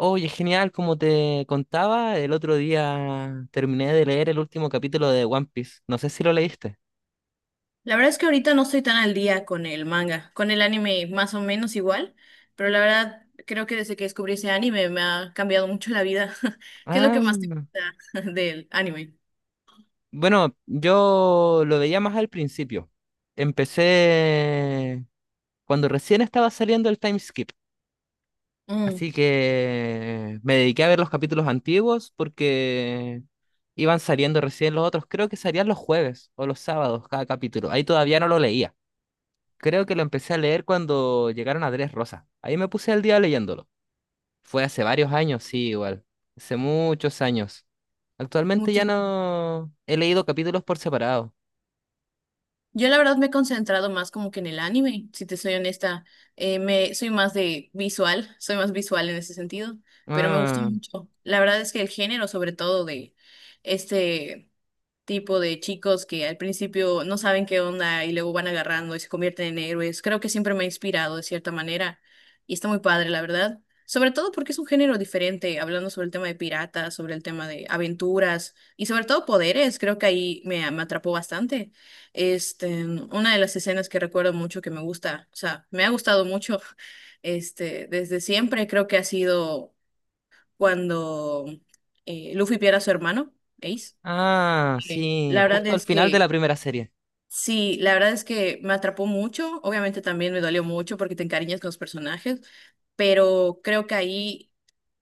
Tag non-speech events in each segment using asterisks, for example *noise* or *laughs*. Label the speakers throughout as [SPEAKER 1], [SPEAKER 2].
[SPEAKER 1] Oye, genial, como te contaba, el otro día terminé de leer el último capítulo de One Piece. No sé si lo leíste.
[SPEAKER 2] La verdad es que ahorita no estoy tan al día con el manga, con el anime más o menos igual, pero la verdad creo que desde que descubrí ese anime me ha cambiado mucho la vida. *laughs* ¿Qué es lo que
[SPEAKER 1] Ah,
[SPEAKER 2] más te gusta *laughs* del anime?
[SPEAKER 1] bueno, yo lo veía más al principio. Empecé cuando recién estaba saliendo el time skip.
[SPEAKER 2] Mm,
[SPEAKER 1] Así que me dediqué a ver los capítulos antiguos porque iban saliendo recién los otros. Creo que salían los jueves o los sábados cada capítulo. Ahí todavía no lo leía. Creo que lo empecé a leer cuando llegaron a Rosas. Ahí me puse al día leyéndolo. Fue hace varios años, sí, igual. Hace muchos años. Actualmente ya
[SPEAKER 2] muchos.
[SPEAKER 1] no he leído capítulos por separado.
[SPEAKER 2] Yo la verdad me he concentrado más como que en el anime, si te soy honesta, me soy más de visual, soy más visual en ese sentido, pero me gusta
[SPEAKER 1] Ah,
[SPEAKER 2] mucho. La verdad es que el género, sobre todo de este tipo de chicos que al principio no saben qué onda y luego van agarrando y se convierten en héroes. Creo que siempre me ha inspirado de cierta manera y está muy padre, la verdad. Sobre todo porque es un género diferente, hablando sobre el tema de piratas, sobre el tema de aventuras y sobre todo poderes, creo que ahí me atrapó bastante. Una de las escenas que recuerdo mucho que me gusta, o sea, me ha gustado mucho, *laughs* desde siempre creo que ha sido cuando Luffy pierde a su hermano, Ace,
[SPEAKER 1] ah,
[SPEAKER 2] que
[SPEAKER 1] sí,
[SPEAKER 2] la verdad
[SPEAKER 1] justo al
[SPEAKER 2] es
[SPEAKER 1] final de
[SPEAKER 2] que
[SPEAKER 1] la primera serie.
[SPEAKER 2] sí, la verdad es que me atrapó mucho. Obviamente también me dolió mucho porque te encariñas con los personajes, pero creo que ahí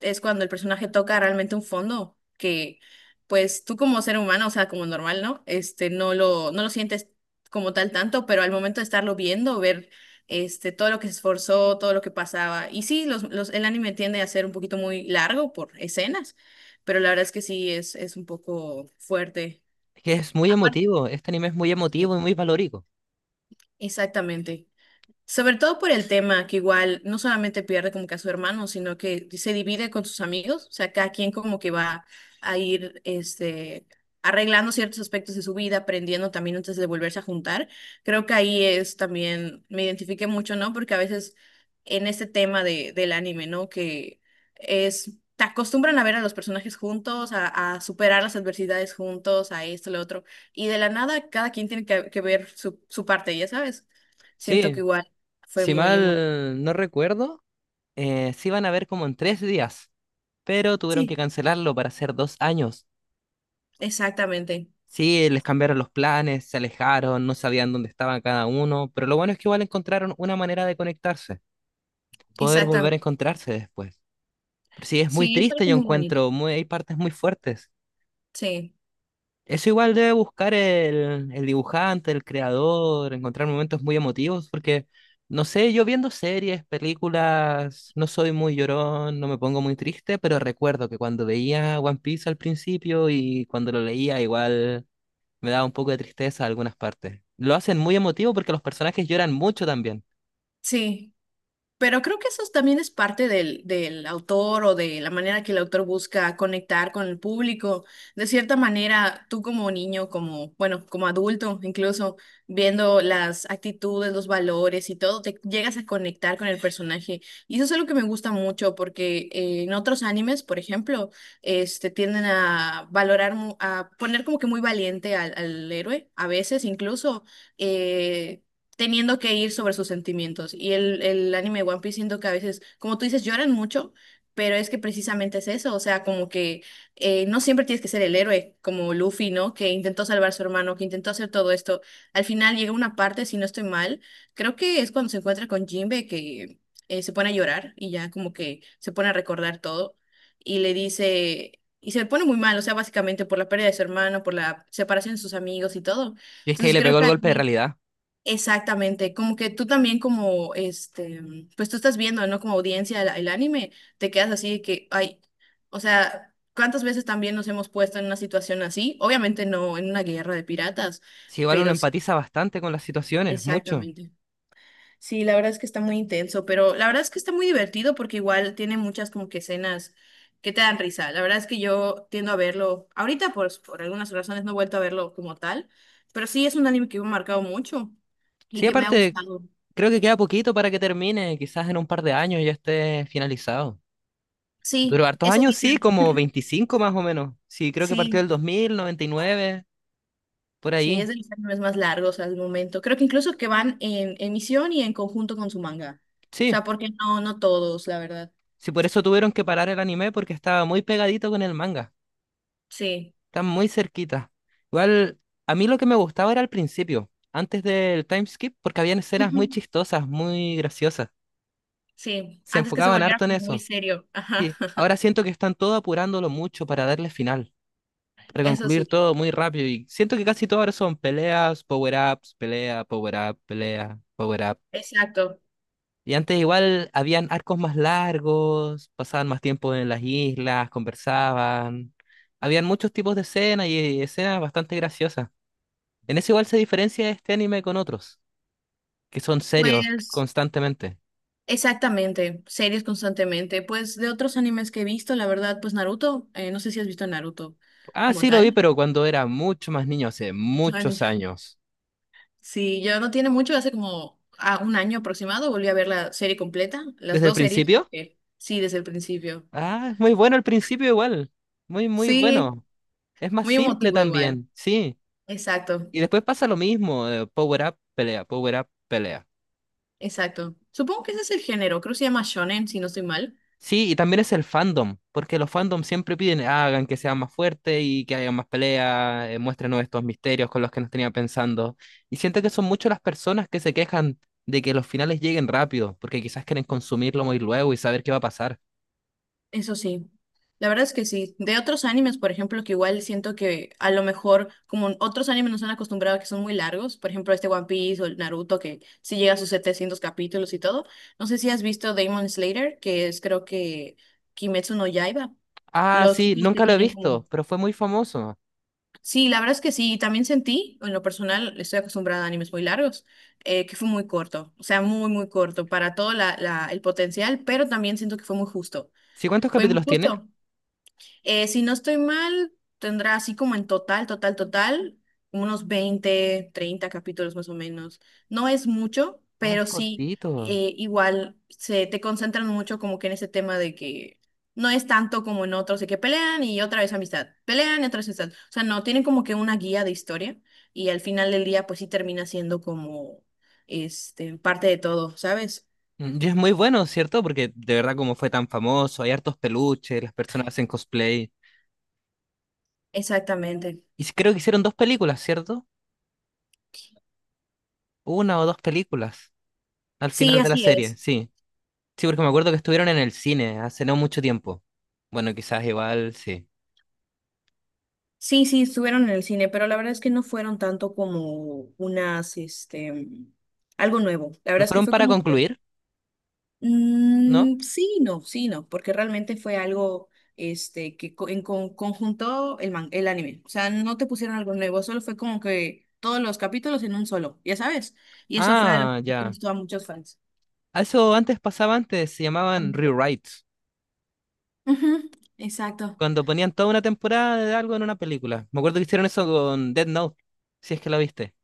[SPEAKER 2] es cuando el personaje toca realmente un fondo que, pues tú como ser humano, o sea, como normal, ¿no? No lo sientes como tal tanto, pero al momento de estarlo viendo, ver todo lo que se esforzó, todo lo que pasaba. Y sí, el anime tiende a ser un poquito muy largo por escenas, pero la verdad es que sí es un poco fuerte.
[SPEAKER 1] Es que es muy emotivo, este anime es muy
[SPEAKER 2] E-
[SPEAKER 1] emotivo y muy valórico.
[SPEAKER 2] Exactamente. Sobre todo por el tema que igual no solamente pierde como que a su hermano, sino que se divide con sus amigos, o sea, cada quien como que va a ir arreglando ciertos aspectos de su vida, aprendiendo también antes de volverse a juntar. Creo que ahí es también, me identifiqué mucho, ¿no? Porque a veces en este tema del anime, ¿no? Te acostumbran a ver a los personajes juntos, a superar las adversidades juntos, a esto, lo otro, y de la nada cada quien tiene que ver su parte, ya sabes. Siento
[SPEAKER 1] Sí,
[SPEAKER 2] que igual fue
[SPEAKER 1] si
[SPEAKER 2] muy emotivo.
[SPEAKER 1] mal no recuerdo, se iban a ver como en 3 días, pero tuvieron que
[SPEAKER 2] Sí,
[SPEAKER 1] cancelarlo para hacer 2 años.
[SPEAKER 2] exactamente,
[SPEAKER 1] Sí, les cambiaron los planes, se alejaron, no sabían dónde estaban cada uno, pero lo bueno es que igual encontraron una manera de conectarse. Poder volver a
[SPEAKER 2] exactamente.
[SPEAKER 1] encontrarse después. Pero sí, es muy
[SPEAKER 2] Sí, fue
[SPEAKER 1] triste,
[SPEAKER 2] algo
[SPEAKER 1] yo
[SPEAKER 2] muy bonito.
[SPEAKER 1] encuentro, muy, hay partes muy fuertes.
[SPEAKER 2] Sí,
[SPEAKER 1] Eso igual debe buscar el dibujante, el creador, encontrar momentos muy emotivos, porque no sé, yo viendo series, películas, no soy muy llorón, no me pongo muy triste, pero recuerdo que cuando veía One Piece al principio y cuando lo leía, igual me daba un poco de tristeza en algunas partes. Lo hacen muy emotivo porque los personajes lloran mucho también.
[SPEAKER 2] sí. Pero creo que eso también es parte del autor o de la manera que el autor busca conectar con el público. De cierta manera, tú como niño, como, bueno, como adulto, incluso viendo las actitudes, los valores y todo, te llegas a conectar con el personaje. Y eso es algo que me gusta mucho porque en otros animes, por ejemplo, tienden a valorar, a poner como que muy valiente al héroe, a veces incluso. eh, teniendo que ir sobre sus sentimientos. Y el anime de One Piece siento que a veces, como tú dices, lloran mucho, pero es que precisamente es eso, o sea, como que no siempre tienes que ser el héroe, como Luffy, ¿no? Que intentó salvar a su hermano, que intentó hacer todo esto. Al final llega una parte, si no estoy mal, creo que es cuando se encuentra con Jinbe que se pone a llorar y ya como que se pone a recordar todo y le dice... Y se pone muy mal, o sea, básicamente por la pérdida de su hermano, por la separación de sus amigos y todo.
[SPEAKER 1] Y es que ahí
[SPEAKER 2] Entonces
[SPEAKER 1] le
[SPEAKER 2] creo
[SPEAKER 1] pegó
[SPEAKER 2] que
[SPEAKER 1] el golpe de
[SPEAKER 2] ahí.
[SPEAKER 1] realidad.
[SPEAKER 2] Exactamente, como que tú también como, pues tú estás viendo, ¿no? Como audiencia el anime, te quedas así de que, ay, o sea, ¿cuántas veces también nos hemos puesto en una situación así? Obviamente no en una guerra de piratas,
[SPEAKER 1] Sí, igual uno
[SPEAKER 2] pero sí,
[SPEAKER 1] empatiza bastante con las situaciones, mucho.
[SPEAKER 2] exactamente. Sí, la verdad es que está muy intenso, pero la verdad es que está muy divertido porque igual tiene muchas como que escenas que te dan risa. La verdad es que yo tiendo a verlo, ahorita por algunas razones no he vuelto a verlo como tal, pero sí es un anime que me ha marcado mucho y
[SPEAKER 1] Sí,
[SPEAKER 2] que me ha
[SPEAKER 1] aparte,
[SPEAKER 2] gustado.
[SPEAKER 1] creo que queda poquito para que termine, quizás en un par de años ya esté finalizado. Duró
[SPEAKER 2] Sí,
[SPEAKER 1] hartos
[SPEAKER 2] eso
[SPEAKER 1] años, sí,
[SPEAKER 2] dicen.
[SPEAKER 1] como 25 más o menos. Sí, creo que partió
[SPEAKER 2] Sí,
[SPEAKER 1] del 2000, 99 por
[SPEAKER 2] sí, es
[SPEAKER 1] ahí.
[SPEAKER 2] de los animes más largos al momento. Creo que incluso que van en emisión y en conjunto con su manga. O
[SPEAKER 1] Sí,
[SPEAKER 2] sea, porque no, no todos, la verdad.
[SPEAKER 1] sí, por eso tuvieron que parar el anime porque estaba muy pegadito con el manga.
[SPEAKER 2] Sí.
[SPEAKER 1] Están muy cerquita. Igual, a mí lo que me gustaba era al principio, antes del time skip, porque habían escenas muy
[SPEAKER 2] Ujú.
[SPEAKER 1] chistosas, muy graciosas.
[SPEAKER 2] Sí,
[SPEAKER 1] Se
[SPEAKER 2] antes que se
[SPEAKER 1] enfocaban
[SPEAKER 2] volviera
[SPEAKER 1] harto en
[SPEAKER 2] como muy
[SPEAKER 1] eso.
[SPEAKER 2] serio. Ajá.
[SPEAKER 1] Sí,
[SPEAKER 2] *laughs*
[SPEAKER 1] ahora siento que están todo apurándolo mucho para darle final, para
[SPEAKER 2] Eso
[SPEAKER 1] concluir
[SPEAKER 2] sí,
[SPEAKER 1] todo muy rápido, y siento que casi todo ahora son peleas, power-ups, pelea, power-up, pelea, power-up.
[SPEAKER 2] exacto.
[SPEAKER 1] Y antes igual habían arcos más largos, pasaban más tiempo en las islas, conversaban. Habían muchos tipos de escenas y escenas bastante graciosas. En eso igual se diferencia este anime con otros, que son serios
[SPEAKER 2] Pues,
[SPEAKER 1] constantemente.
[SPEAKER 2] exactamente, series constantemente. Pues de otros animes que he visto, la verdad, pues Naruto, no sé si has visto Naruto
[SPEAKER 1] Ah,
[SPEAKER 2] como
[SPEAKER 1] sí lo vi,
[SPEAKER 2] tal.
[SPEAKER 1] pero cuando era mucho más niño, hace muchos
[SPEAKER 2] *laughs*
[SPEAKER 1] años.
[SPEAKER 2] Sí, yo no tiene mucho, hace como a un año aproximado volví a ver la serie completa, las
[SPEAKER 1] ¿Desde el
[SPEAKER 2] dos series,
[SPEAKER 1] principio?
[SPEAKER 2] porque sí, desde el principio.
[SPEAKER 1] Ah, es muy bueno el principio igual. Muy, muy
[SPEAKER 2] Sí,
[SPEAKER 1] bueno. Es más
[SPEAKER 2] muy
[SPEAKER 1] simple
[SPEAKER 2] emotivo igual.
[SPEAKER 1] también, sí.
[SPEAKER 2] Exacto,
[SPEAKER 1] Y después pasa lo mismo, Power Up, pelea, Power Up, pelea.
[SPEAKER 2] exacto. Supongo que ese es el género, creo que se llama shonen, si no estoy mal.
[SPEAKER 1] Sí, y también es el fandom, porque los fandoms siempre piden, "Ah, hagan que sea más fuerte y que haya más pelea, muéstrenos estos misterios con los que nos tenía pensando". Y siento que son muchas las personas que se quejan de que los finales lleguen rápido, porque quizás quieren consumirlo muy luego y saber qué va a pasar.
[SPEAKER 2] Eso sí, la verdad es que sí. De otros animes, por ejemplo, que igual siento que a lo mejor, como otros animes nos han acostumbrado a que son muy largos, por ejemplo, este One Piece o el Naruto, que sí llega a sus 700 capítulos y todo. No sé si has visto Demon Slayer, que es creo que Kimetsu no Yaiba.
[SPEAKER 1] Ah,
[SPEAKER 2] Los
[SPEAKER 1] sí,
[SPEAKER 2] chicos que
[SPEAKER 1] nunca lo he
[SPEAKER 2] tienen como...
[SPEAKER 1] visto, pero fue muy famoso.
[SPEAKER 2] Sí, la verdad es que sí, y también sentí, en lo personal, estoy acostumbrada a animes muy largos, que fue muy corto, o sea, muy, muy corto para todo el potencial, pero también siento que fue muy justo.
[SPEAKER 1] ¿Sí cuántos
[SPEAKER 2] Fue muy
[SPEAKER 1] capítulos tiene?
[SPEAKER 2] justo. Si no estoy mal, tendrá así como en total, total, total, unos 20 30 capítulos más o menos. No es mucho,
[SPEAKER 1] Ah, es
[SPEAKER 2] pero sí,
[SPEAKER 1] cortito.
[SPEAKER 2] igual se te concentran mucho como que en ese tema de que no es tanto como en otros, de que pelean y otra vez amistad, pelean y otra vez amistad. O sea, no, tienen como que una guía de historia y al final del día pues sí termina siendo como parte de todo, ¿sabes?
[SPEAKER 1] Mm, y es muy bueno, ¿cierto? Porque de verdad como fue tan famoso, hay hartos peluches, las personas hacen cosplay.
[SPEAKER 2] Exactamente.
[SPEAKER 1] Y sí, creo que hicieron dos películas, ¿cierto? Una o dos películas al
[SPEAKER 2] Sí,
[SPEAKER 1] final de la
[SPEAKER 2] así
[SPEAKER 1] serie,
[SPEAKER 2] es.
[SPEAKER 1] sí. Sí, porque me acuerdo que estuvieron en el cine hace no mucho tiempo. Bueno, quizás igual, sí.
[SPEAKER 2] Sí, sí, estuvieron en el cine, pero la verdad es que no fueron tanto como unas, algo nuevo. La
[SPEAKER 1] Pero
[SPEAKER 2] verdad es que
[SPEAKER 1] fueron
[SPEAKER 2] fue
[SPEAKER 1] para
[SPEAKER 2] como que,
[SPEAKER 1] concluir, ¿no?
[SPEAKER 2] sí, no, sí, no, porque realmente fue algo, que conjuntó el anime. O sea, no te pusieron algo nuevo, solo fue como que todos los capítulos en un solo, ya sabes. Y eso fue algo
[SPEAKER 1] Ah,
[SPEAKER 2] que
[SPEAKER 1] ya.
[SPEAKER 2] gustó a muchos fans.
[SPEAKER 1] A eso antes pasaba antes, se llamaban rewrites,
[SPEAKER 2] Ujú, exacto.
[SPEAKER 1] cuando ponían toda una temporada de algo en una película. Me acuerdo que hicieron eso con Dead Note, si es que la viste.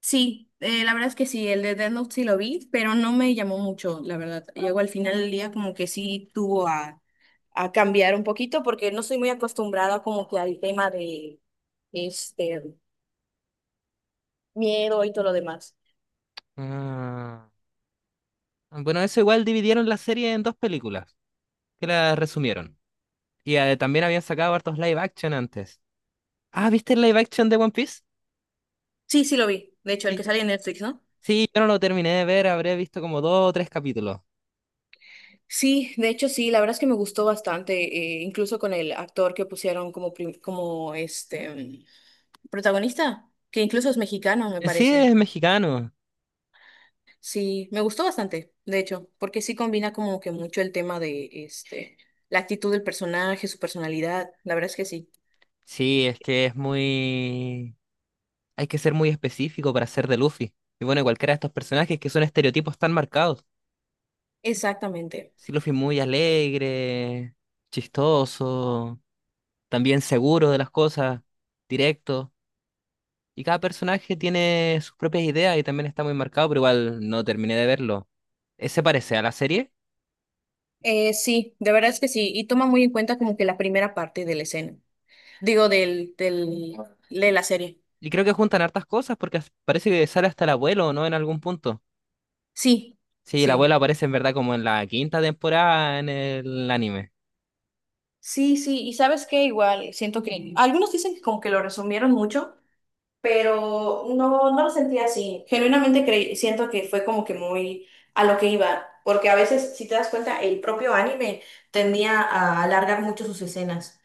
[SPEAKER 2] Sí, la verdad es que sí, el de Death Note sí lo vi, pero no me llamó mucho, la verdad. Llegó al final del día como que sí tuvo a cambiar un poquito porque no soy muy acostumbrada como que al tema de este miedo y todo lo demás.
[SPEAKER 1] Ah. Bueno, eso igual dividieron la serie en dos películas, que la resumieron. Y también habían sacado hartos live action antes. Ah, ¿viste el live action de One Piece?
[SPEAKER 2] Sí, sí lo vi. De hecho, el que
[SPEAKER 1] Sí.
[SPEAKER 2] sale en Netflix, ¿no?
[SPEAKER 1] Sí, yo no lo terminé de ver, habré visto como dos o tres capítulos.
[SPEAKER 2] Sí, de hecho sí, la verdad es que me gustó bastante, incluso con el actor que pusieron como, protagonista, que incluso es mexicano, me
[SPEAKER 1] Sí,
[SPEAKER 2] parece.
[SPEAKER 1] es mexicano.
[SPEAKER 2] Sí, me gustó bastante, de hecho, porque sí combina como que mucho el tema de la actitud del personaje, su personalidad, la verdad es que sí.
[SPEAKER 1] Sí, es que es muy... Hay que ser muy específico para ser de Luffy. Y bueno, cualquiera de estos personajes que son estereotipos tan marcados.
[SPEAKER 2] Exactamente.
[SPEAKER 1] Sí, Luffy es muy alegre, chistoso, también seguro de las cosas, directo. Y cada personaje tiene sus propias ideas y también está muy marcado, pero igual no terminé de verlo. Ese parece a la serie
[SPEAKER 2] Sí, de verdad es que sí, y toma muy en cuenta como que la primera parte de la escena, digo, de la serie.
[SPEAKER 1] y creo que juntan hartas cosas porque parece que sale hasta el abuelo, ¿no? En algún punto.
[SPEAKER 2] Sí,
[SPEAKER 1] Sí, el abuelo
[SPEAKER 2] sí.
[SPEAKER 1] aparece en verdad como en la quinta temporada en el anime.
[SPEAKER 2] Sí, sí, y sabes qué, igual, siento que algunos dicen que como que lo resumieron mucho, pero no, no lo sentía así. Genuinamente siento que fue como que muy a lo que iba, porque a veces, si te das cuenta, el propio anime tendía a alargar mucho sus escenas.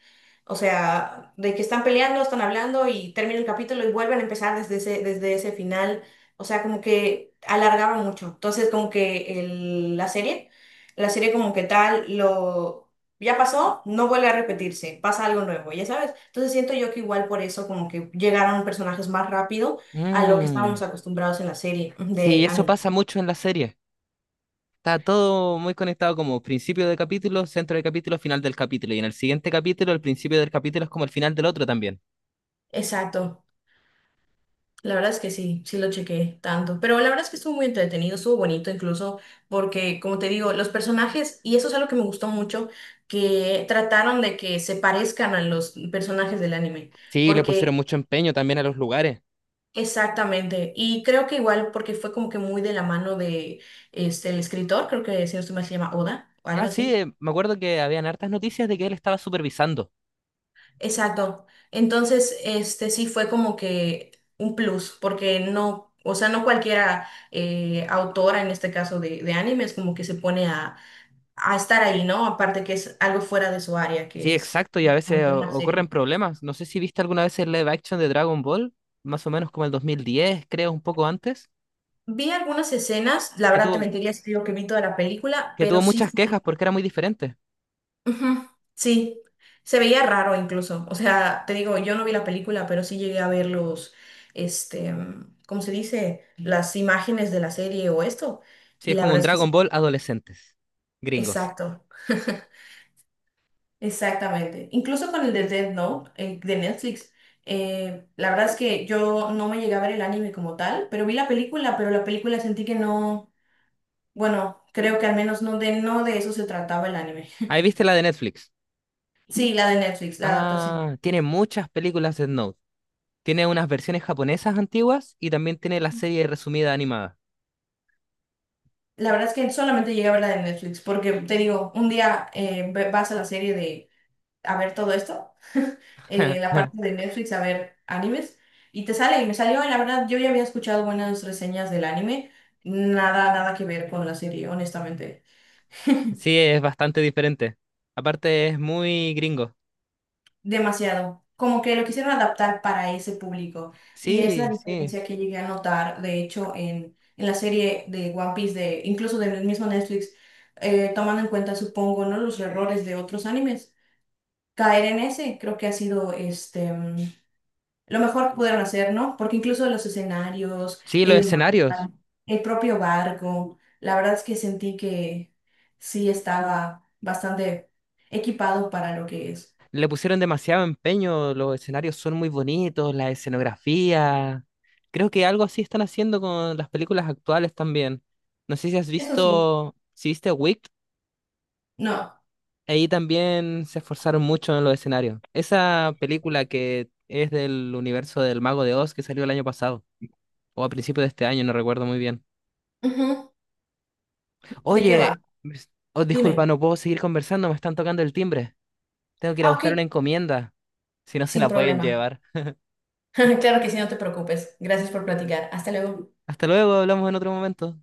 [SPEAKER 2] O sea, de que están peleando, están hablando y termina el capítulo y vuelven a empezar desde ese final. O sea, como que alargaba mucho. Entonces, como que la serie como que tal lo... Ya pasó, no vuelve a repetirse, pasa algo nuevo, ya sabes. Entonces siento yo que igual por eso como que llegaron personajes más rápido a lo que
[SPEAKER 1] Mm,
[SPEAKER 2] estábamos acostumbrados en la serie
[SPEAKER 1] sí,
[SPEAKER 2] de
[SPEAKER 1] eso
[SPEAKER 2] anime.
[SPEAKER 1] pasa mucho en la serie. Está todo muy conectado como principio de capítulo, centro de capítulo, final del capítulo. Y en el siguiente capítulo, el principio del capítulo es como el final del otro también.
[SPEAKER 2] Exacto. La verdad es que sí, sí lo chequé tanto. Pero la verdad es que estuvo muy entretenido, estuvo bonito incluso, porque como te digo, los personajes, y eso es algo que me gustó mucho, que trataron de que se parezcan a los personajes del anime.
[SPEAKER 1] Sí, le pusieron
[SPEAKER 2] Porque
[SPEAKER 1] mucho empeño también a los lugares.
[SPEAKER 2] exactamente, y creo que igual porque fue como que muy de la mano de el escritor, creo que si no estoy mal se llama Oda o
[SPEAKER 1] Ah,
[SPEAKER 2] algo
[SPEAKER 1] sí,
[SPEAKER 2] así.
[SPEAKER 1] me acuerdo que habían hartas noticias de que él estaba supervisando.
[SPEAKER 2] Exacto. Entonces, sí fue como que un plus, porque no, o sea, no cualquiera autora en este caso de animes como que se pone a estar ahí, ¿no? Aparte que es algo fuera de su área,
[SPEAKER 1] Sí,
[SPEAKER 2] que es
[SPEAKER 1] exacto, y a veces
[SPEAKER 2] básicamente una
[SPEAKER 1] ocurren
[SPEAKER 2] serie.
[SPEAKER 1] problemas. No sé si viste alguna vez el live action de Dragon Ball, más o menos como el 2010, creo, un poco antes,
[SPEAKER 2] Vi algunas escenas, la
[SPEAKER 1] que
[SPEAKER 2] verdad te
[SPEAKER 1] tuvo,
[SPEAKER 2] mentiría si te digo que vi toda la película,
[SPEAKER 1] que tuvo
[SPEAKER 2] pero sí
[SPEAKER 1] muchas quejas
[SPEAKER 2] fue.
[SPEAKER 1] porque era muy diferente.
[SPEAKER 2] Ujú, sí. Se veía raro incluso. O sea, te digo, yo no vi la película, pero sí llegué a ver los, ¿cómo se dice? Las imágenes de la serie o esto.
[SPEAKER 1] Sí,
[SPEAKER 2] Y
[SPEAKER 1] es
[SPEAKER 2] la
[SPEAKER 1] como un
[SPEAKER 2] verdad es que
[SPEAKER 1] Dragon
[SPEAKER 2] sí.
[SPEAKER 1] Ball adolescentes, gringos.
[SPEAKER 2] Exacto, *laughs* exactamente. Incluso con el de Death Note, de Netflix. La verdad es que yo no me llegué a ver el anime como tal, pero vi la película, pero la película sentí que no, bueno, creo que al menos no de eso se trataba el anime. *laughs*
[SPEAKER 1] Ahí viste la de Netflix.
[SPEAKER 2] Sí, la de Netflix, la adaptación.
[SPEAKER 1] Ah, tiene muchas películas de Note. Tiene unas versiones japonesas antiguas y también tiene la serie resumida animada.
[SPEAKER 2] La verdad es que solamente llegué a ver la de Netflix, porque te digo, un día vas a la serie de a ver todo esto, la
[SPEAKER 1] *laughs*
[SPEAKER 2] parte de Netflix a ver animes, y te sale, y me salió, y la verdad, yo ya había escuchado buenas reseñas del anime, nada, nada que ver con la serie, honestamente.
[SPEAKER 1] Sí, es bastante diferente. Aparte, es muy gringo.
[SPEAKER 2] Demasiado. Como que lo quisieron adaptar para ese público, y es la
[SPEAKER 1] Sí, sí.
[SPEAKER 2] diferencia que llegué a notar, de hecho, en la serie de One Piece, incluso del mismo Netflix, tomando en cuenta, supongo, ¿no? los errores de otros animes caer en ese, creo que ha sido lo mejor que pudieron hacer, ¿no? Porque incluso los escenarios,
[SPEAKER 1] Sí, los
[SPEAKER 2] el mar,
[SPEAKER 1] escenarios.
[SPEAKER 2] el propio barco, la verdad es que sentí que sí estaba bastante equipado para lo que es.
[SPEAKER 1] Le pusieron demasiado empeño. Los escenarios son muy bonitos, la escenografía. Creo que algo así están haciendo con las películas actuales también. No sé si has
[SPEAKER 2] Eso sí,
[SPEAKER 1] visto, si viste Wicked,
[SPEAKER 2] no.
[SPEAKER 1] ahí también se esforzaron mucho en los escenarios. Esa película que es del universo del Mago de Oz que salió el año pasado, o a principios de este año, no recuerdo muy bien.
[SPEAKER 2] Ujú. ¿De qué va?
[SPEAKER 1] Oye, oh, disculpa,
[SPEAKER 2] Dime.
[SPEAKER 1] no puedo seguir conversando, me están tocando el timbre. Tengo que ir a
[SPEAKER 2] Ah, ok,
[SPEAKER 1] buscar una encomienda, si no se
[SPEAKER 2] sin
[SPEAKER 1] la pueden
[SPEAKER 2] problema.
[SPEAKER 1] llevar.
[SPEAKER 2] *laughs* Claro que sí, no te preocupes. Gracias por platicar. Hasta luego.
[SPEAKER 1] Hasta luego, hablamos en otro momento.